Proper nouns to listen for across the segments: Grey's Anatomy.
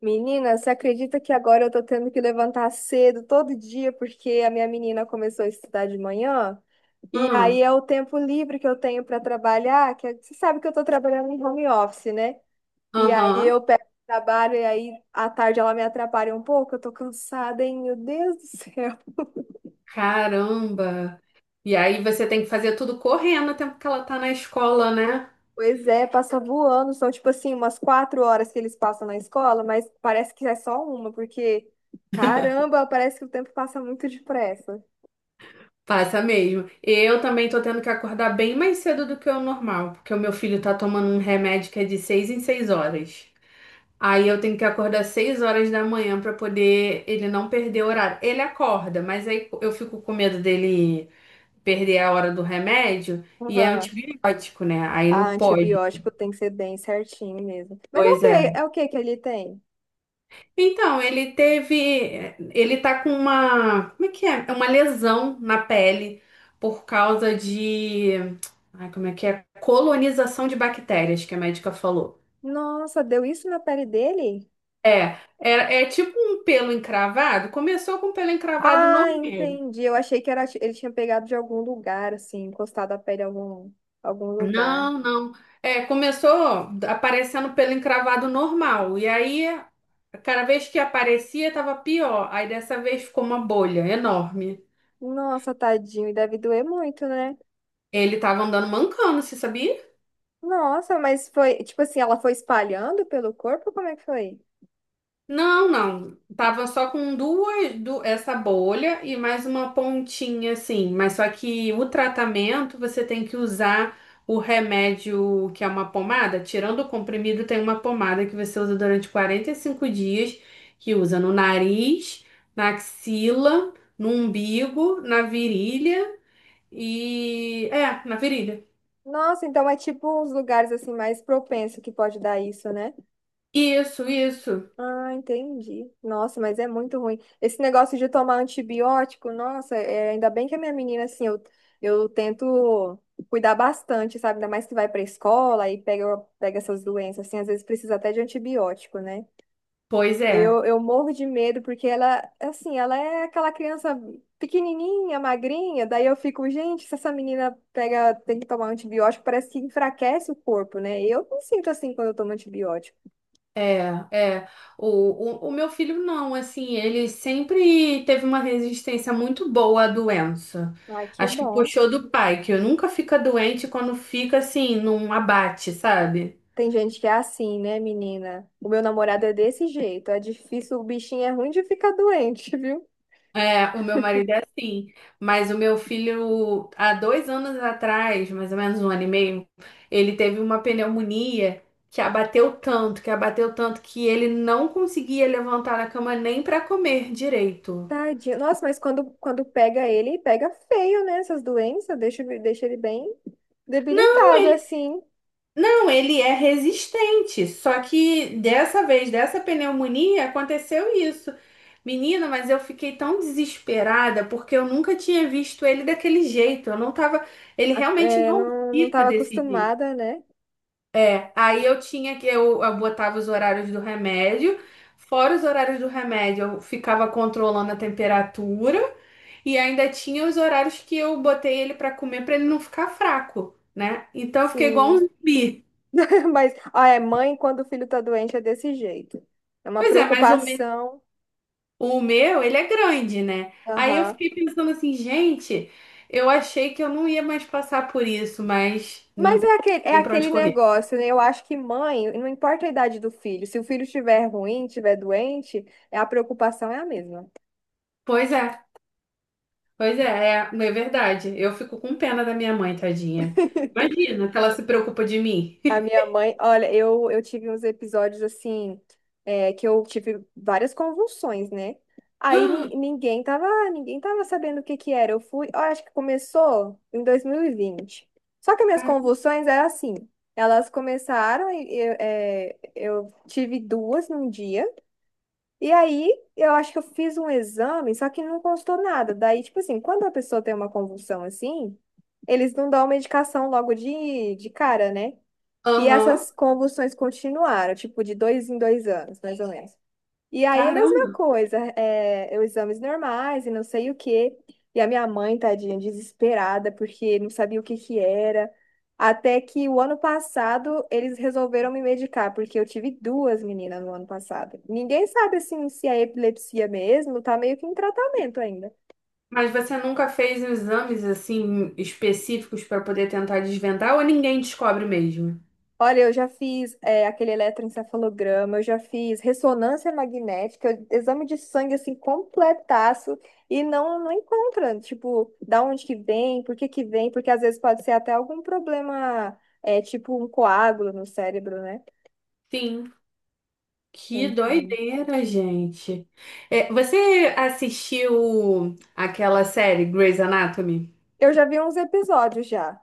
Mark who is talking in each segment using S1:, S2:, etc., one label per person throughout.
S1: Menina, você acredita que agora eu tô tendo que levantar cedo todo dia porque a minha menina começou a estudar de manhã? E
S2: Ah,
S1: aí é o tempo livre que eu tenho para trabalhar, você sabe que eu tô trabalhando em home office, né? E aí
S2: Aham.
S1: eu pego o trabalho e aí à tarde ela me atrapalha um pouco, eu tô cansada, hein? Meu Deus do céu.
S2: Caramba. E aí você tem que fazer tudo correndo o tempo que ela tá na escola, né?
S1: Pois é, passa voando, são tipo assim umas 4 horas que eles passam na escola, mas parece que é só uma, porque caramba, parece que o tempo passa muito depressa.
S2: Passa mesmo. Eu também tô tendo que acordar bem mais cedo do que o normal, porque o meu filho tá tomando um remédio que é de 6 em 6 horas. Aí eu tenho que acordar 6 horas da manhã pra poder ele não perder o horário. Ele acorda, mas aí eu fico com medo dele perder a hora do remédio e é
S1: Aham.
S2: antibiótico, né? Aí
S1: Ah,
S2: não pode.
S1: antibiótico tem que ser bem certinho mesmo. Mas é o
S2: Pois
S1: que
S2: é.
S1: é o que que ele tem?
S2: Então, ele teve, ele tá com uma, como é que é? É uma lesão na pele por causa de, ai, como é que é? Colonização de bactérias, que a médica falou.
S1: Nossa, deu isso na pele dele?
S2: É, é tipo um pelo encravado. Começou com pelo encravado
S1: Ah,
S2: normal.
S1: entendi. Eu achei que era, ele tinha pegado de algum lugar, assim, encostado a pele em algum lugar.
S2: Não, não. É, começou aparecendo pelo encravado normal. E aí, cada vez que aparecia, tava pior. Aí dessa vez ficou uma bolha enorme.
S1: Nossa, tadinho, e deve doer muito, né?
S2: Ele tava andando mancando, você sabia?
S1: Nossa, mas foi, tipo assim, ela foi espalhando pelo corpo? Como é que foi?
S2: Não, não. Tava só com duas, essa bolha e mais uma pontinha assim. Mas só que o tratamento você tem que usar o remédio que é uma pomada. Tirando o comprimido, tem uma pomada que você usa durante 45 dias, que usa no nariz, na axila, no umbigo, na virilha e. É, na virilha.
S1: Nossa, então é tipo uns lugares assim mais propenso que pode dar isso, né?
S2: Isso, isso.
S1: Ah, entendi. Nossa, mas é muito ruim. Esse negócio de tomar antibiótico, nossa, é, ainda bem que a minha menina, assim, eu tento cuidar bastante, sabe? Ainda mais que vai pra escola e pega essas doenças, assim, às vezes precisa até de antibiótico, né?
S2: Pois é.
S1: Eu morro de medo porque ela, assim, ela é aquela criança pequenininha, magrinha, daí eu fico, gente, se essa menina pega, tem que tomar antibiótico, parece que enfraquece o corpo, né? Eu não sinto assim quando eu tomo antibiótico.
S2: É, é. O, o meu filho não, assim, ele sempre teve uma resistência muito boa à doença.
S1: Ai, que
S2: Acho que
S1: bom.
S2: puxou do pai, que nunca fica doente quando fica assim, num abate, sabe?
S1: Tem gente que é assim, né, menina? O meu namorado é desse jeito. É difícil, o bichinho é ruim de ficar doente, viu?
S2: É, o meu marido é assim, mas o meu filho, há 2 anos atrás, mais ou menos 1 ano e meio, ele teve uma pneumonia que abateu tanto, que abateu tanto, que ele não conseguia levantar da cama nem para comer direito.
S1: Tadinho. Nossa, mas quando pega ele, pega feio, né? Essas doenças, deixa ele bem debilitado, assim.
S2: Não, ele é resistente. Só que dessa vez, dessa pneumonia, aconteceu isso. Menina, mas eu fiquei tão desesperada porque eu nunca tinha visto ele daquele jeito. Eu não tava. Ele realmente
S1: É,
S2: não
S1: não
S2: fica
S1: tava
S2: desse jeito.
S1: acostumada, né?
S2: Aí eu tinha que. Eu botava os horários do remédio. Fora os horários do remédio, eu ficava controlando a temperatura. E ainda tinha os horários que eu botei ele pra comer pra ele não ficar fraco, né? Então eu fiquei igual um
S1: Sim.
S2: zumbi.
S1: Mas, ah, é mãe quando o filho tá doente é desse jeito. É uma
S2: Pois é, mais ou menos.
S1: preocupação.
S2: O meu, ele é grande, né? Aí eu
S1: Aham.
S2: fiquei pensando assim, gente, eu achei que eu não ia mais passar por isso, mas não
S1: Mas é
S2: tem
S1: aquele, é
S2: tem pra onde
S1: aquele
S2: correr.
S1: negócio, né? Eu acho que mãe, não importa a idade do filho, se o filho estiver ruim, estiver doente, é a preocupação é a mesma.
S2: Pois é, pois é, é, é verdade. Eu fico com pena da minha mãe, tadinha. Imagina que ela se preocupa de mim.
S1: A minha mãe, olha, eu tive uns episódios assim, é, que eu tive várias convulsões, né? Aí ninguém tava sabendo o que que era. Eu fui, eu acho que começou em 2020. Só que minhas
S2: Caramba.
S1: convulsões eram assim, elas começaram, eu tive duas num dia. E aí, eu acho que eu fiz um exame, só que não constou nada. Daí, tipo assim, quando a pessoa tem uma convulsão assim, eles não dão medicação logo de cara, né? E
S2: Aham,
S1: essas convulsões continuaram, tipo, de dois em dois anos, mais ou menos. E aí é a mesma
S2: Caramba.
S1: coisa, é, eu exames normais e não sei o quê. E a minha mãe, tadinha, desesperada, porque não sabia o que que era. Até que o ano passado eles resolveram me medicar, porque eu tive duas meninas no ano passado. Ninguém sabe assim se é epilepsia mesmo, tá meio que em tratamento ainda.
S2: Mas você nunca fez exames assim específicos pra poder tentar desvendar ou ninguém descobre mesmo?
S1: Olha, eu já fiz é, aquele eletroencefalograma, eu já fiz ressonância magnética, exame de sangue assim completaço e não encontra, tipo, da onde que vem, por que que vem, porque às vezes pode ser até algum problema, é, tipo um coágulo no cérebro, né?
S2: Sim. Que
S1: Então,
S2: doideira, gente. É, você assistiu aquela série Grey's Anatomy?
S1: eu já vi uns episódios já.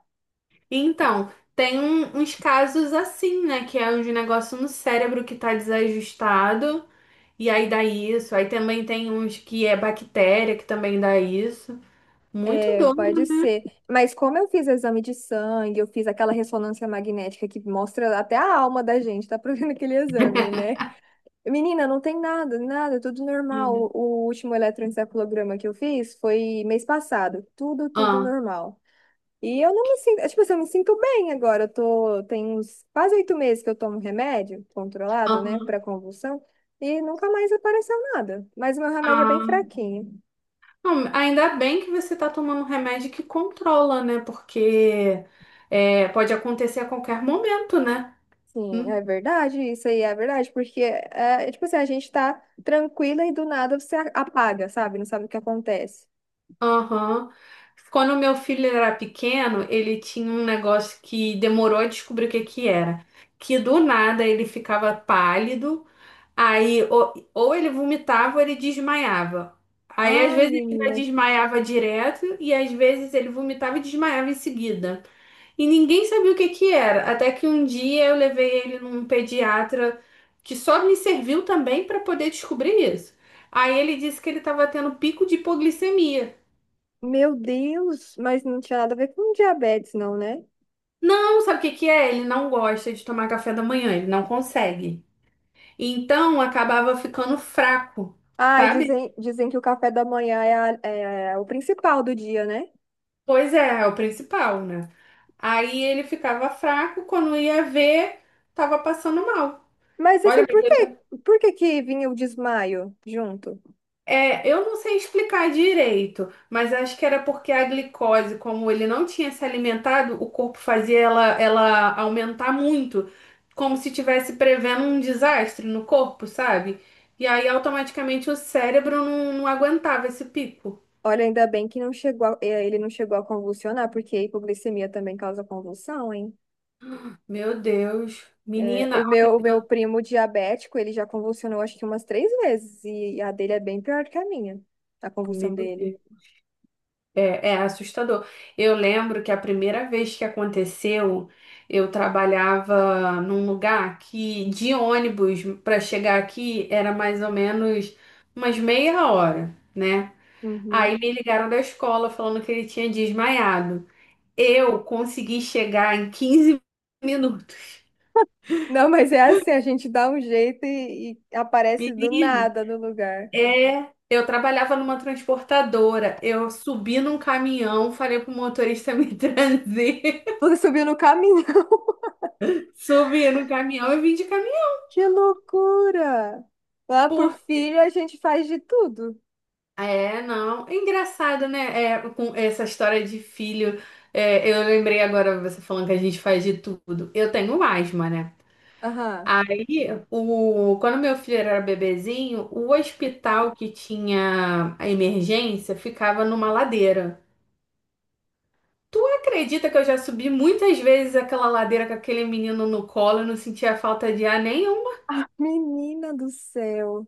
S2: Então, tem uns casos assim, né? Que é um negócio no cérebro que tá desajustado e aí dá isso. Aí também tem uns que é bactéria que também dá isso. Muito
S1: É, pode
S2: doido.
S1: ser. Mas como eu fiz exame de sangue, eu fiz aquela ressonância magnética que mostra até a alma da gente, tá provendo aquele exame, né? Menina, não tem nada, nada, tudo normal. O último eletroencefalograma que eu fiz foi mês passado. Tudo
S2: Ah,
S1: normal. E eu não me sinto, tipo assim, eu me sinto bem agora. Eu tô, tem uns quase 8 meses que eu tomo remédio controlado, né, para
S2: aham.
S1: convulsão, e nunca mais apareceu nada. Mas o meu remédio é bem
S2: Ah,
S1: fraquinho.
S2: não, ainda bem que você tá tomando um remédio que controla, né? Porque é, pode acontecer a qualquer momento, né?
S1: Sim,
S2: Hum.
S1: é verdade, isso aí é verdade, tipo assim, a gente tá tranquila e do nada você apaga, sabe? Não sabe o que acontece.
S2: Aham. Quando meu filho era pequeno, ele tinha um negócio que demorou a descobrir o que que era. Que do nada ele ficava pálido, aí ou ele vomitava ou ele desmaiava. Aí às
S1: Ai,
S2: vezes ele já
S1: menina,
S2: desmaiava direto e às vezes ele vomitava e desmaiava em seguida. E ninguém sabia o que que era. Até que um dia eu levei ele num pediatra que só me serviu também para poder descobrir isso. Aí ele disse que ele estava tendo pico de hipoglicemia.
S1: meu Deus, mas não tinha nada a ver com diabetes, não, né?
S2: Não, sabe o que que é? Ele não gosta de tomar café da manhã, ele não consegue. Então acabava ficando fraco,
S1: Ai,
S2: sabe?
S1: dizem que o café da manhã é, é o principal do dia, né?
S2: Pois é, é o principal, né? Aí ele ficava fraco, quando ia ver, tava passando mal.
S1: Mas assim,
S2: Olha,
S1: por que que vinha o desmaio junto?
S2: é, eu não sei explicar direito, mas acho que era porque a glicose, como ele não tinha se alimentado, o corpo fazia ela aumentar muito, como se tivesse prevendo um desastre no corpo, sabe? E aí automaticamente o cérebro não aguentava esse pico.
S1: Olha, ainda bem que não chegou a- eh, ele não chegou a convulsionar, porque a hipoglicemia também causa convulsão, hein?
S2: Meu Deus,
S1: É,
S2: menina,
S1: o meu primo diabético, ele já convulsionou acho que umas 3 vezes, e a dele é bem pior do que a minha, a convulsão
S2: meu
S1: dele.
S2: Deus. É, é assustador. Eu lembro que a primeira vez que aconteceu, eu trabalhava num lugar que de ônibus para chegar aqui era mais ou menos umas meia hora, né?
S1: Uhum.
S2: Aí me ligaram da escola falando que ele tinha desmaiado. Eu consegui chegar em 15 minutos.
S1: Não, mas é assim, a gente dá um jeito e aparece do
S2: Menino,
S1: nada no lugar.
S2: é. Eu trabalhava numa transportadora. Eu subi num caminhão, falei pro motorista me trazer.
S1: Você subiu no caminho.
S2: Subi no caminhão e vim de caminhão.
S1: Que loucura! Lá por
S2: Por...
S1: filho a gente faz de tudo.
S2: É, não. É engraçado, né? É, com essa história de filho. É, eu lembrei agora você falando que a gente faz de tudo. Eu tenho asma, né?
S1: Aham.
S2: Aí, o... quando meu filho era bebezinho, o hospital que tinha a emergência ficava numa ladeira. Tu acredita que eu já subi muitas vezes aquela ladeira com aquele menino no colo e não sentia falta de ar nenhum?
S1: Menina do céu.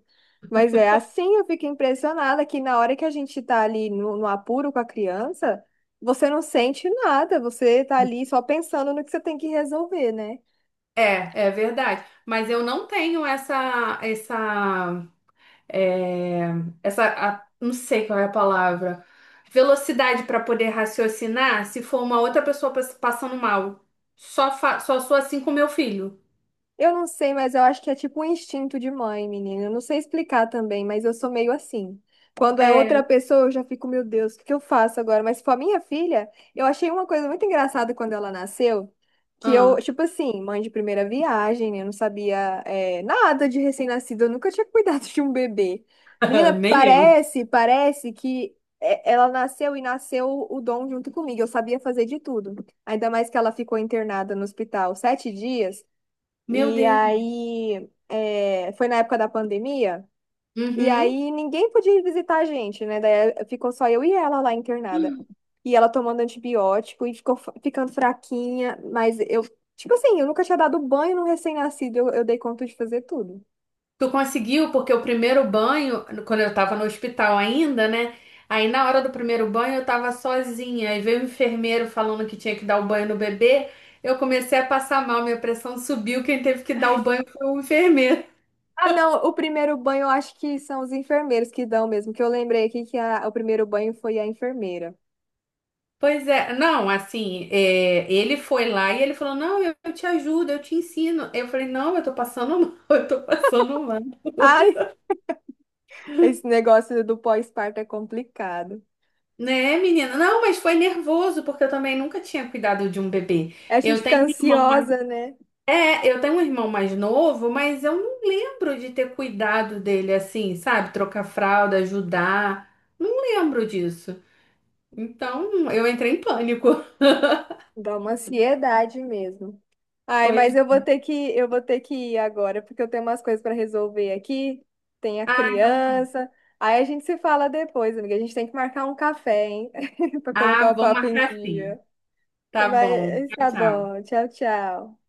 S1: Mas é assim, eu fico impressionada que na hora que a gente tá ali no apuro com a criança, você não sente nada, você tá ali só pensando no que você tem que resolver, né?
S2: É, é verdade. Mas eu não tenho essa, essa é, não sei qual é a palavra, velocidade para poder raciocinar se for uma outra pessoa passando mal. Só sou assim com meu filho.
S1: Eu não sei, mas eu acho que é tipo um instinto de mãe, menina. Eu não sei explicar também, mas eu sou meio assim. Quando é outra
S2: É,
S1: pessoa, eu já fico, meu Deus, o que que eu faço agora? Mas se for a minha filha, eu achei uma coisa muito engraçada quando ela nasceu, que eu,
S2: ah,
S1: tipo assim, mãe de primeira viagem, né? Eu não sabia, é, nada de recém-nascido, eu nunca tinha cuidado de um bebê. Menina,
S2: Nem eu.
S1: parece que é, ela nasceu e nasceu o dom junto comigo. Eu sabia fazer de tudo. Ainda mais que ela ficou internada no hospital 7 dias.
S2: Meu
S1: E
S2: Deus.
S1: aí, é, foi na época da pandemia, e
S2: Uhum.
S1: aí ninguém podia ir visitar a gente, né? Daí eh, ficou só eu e ela lá internada. E ela tomando antibiótico e ficou ficando fraquinha, mas eu, tipo assim, eu nunca tinha dado banho no recém-nascido, eu dei conta de fazer tudo.
S2: Tu conseguiu, porque o primeiro banho, quando eu tava no hospital ainda, né? Aí na hora do primeiro banho eu tava sozinha. Aí veio o enfermeiro falando que tinha que dar o banho no bebê. Eu comecei a passar mal, minha pressão subiu. Quem teve que dar o banho foi o enfermeiro.
S1: Ah, não, o primeiro banho eu acho que são os enfermeiros que dão mesmo, que eu lembrei aqui que o primeiro banho foi a enfermeira.
S2: Pois é, não, assim, é, ele foi lá e ele falou, não, eu te ajudo, eu te ensino. Eu falei, não, eu tô passando mal, eu tô passando mal.
S1: Ai, esse negócio do pós-parto é complicado.
S2: Né, menina? Não, mas foi nervoso, porque eu também nunca tinha cuidado de um bebê.
S1: A gente
S2: Eu
S1: fica
S2: tenho um irmão mais...
S1: ansiosa, né?
S2: É, eu tenho um irmão mais novo, mas eu não lembro de ter cuidado dele assim, sabe? Trocar fralda, ajudar. Não lembro disso. Então, eu entrei em pânico.
S1: Dá uma ansiedade mesmo. Ai, mas
S2: Pois...
S1: eu vou ter que ir agora, porque eu tenho umas coisas para resolver aqui. Tem a
S2: Ah, então tá bom.
S1: criança. Aí a gente se fala depois, amiga. A gente tem que marcar um café, hein? Para
S2: Ah,
S1: colocar o
S2: vamos
S1: papo em
S2: marcar sim.
S1: dia.
S2: Tá bom.
S1: Mas
S2: Tchau,
S1: tá
S2: tchau.
S1: bom. Tchau, tchau.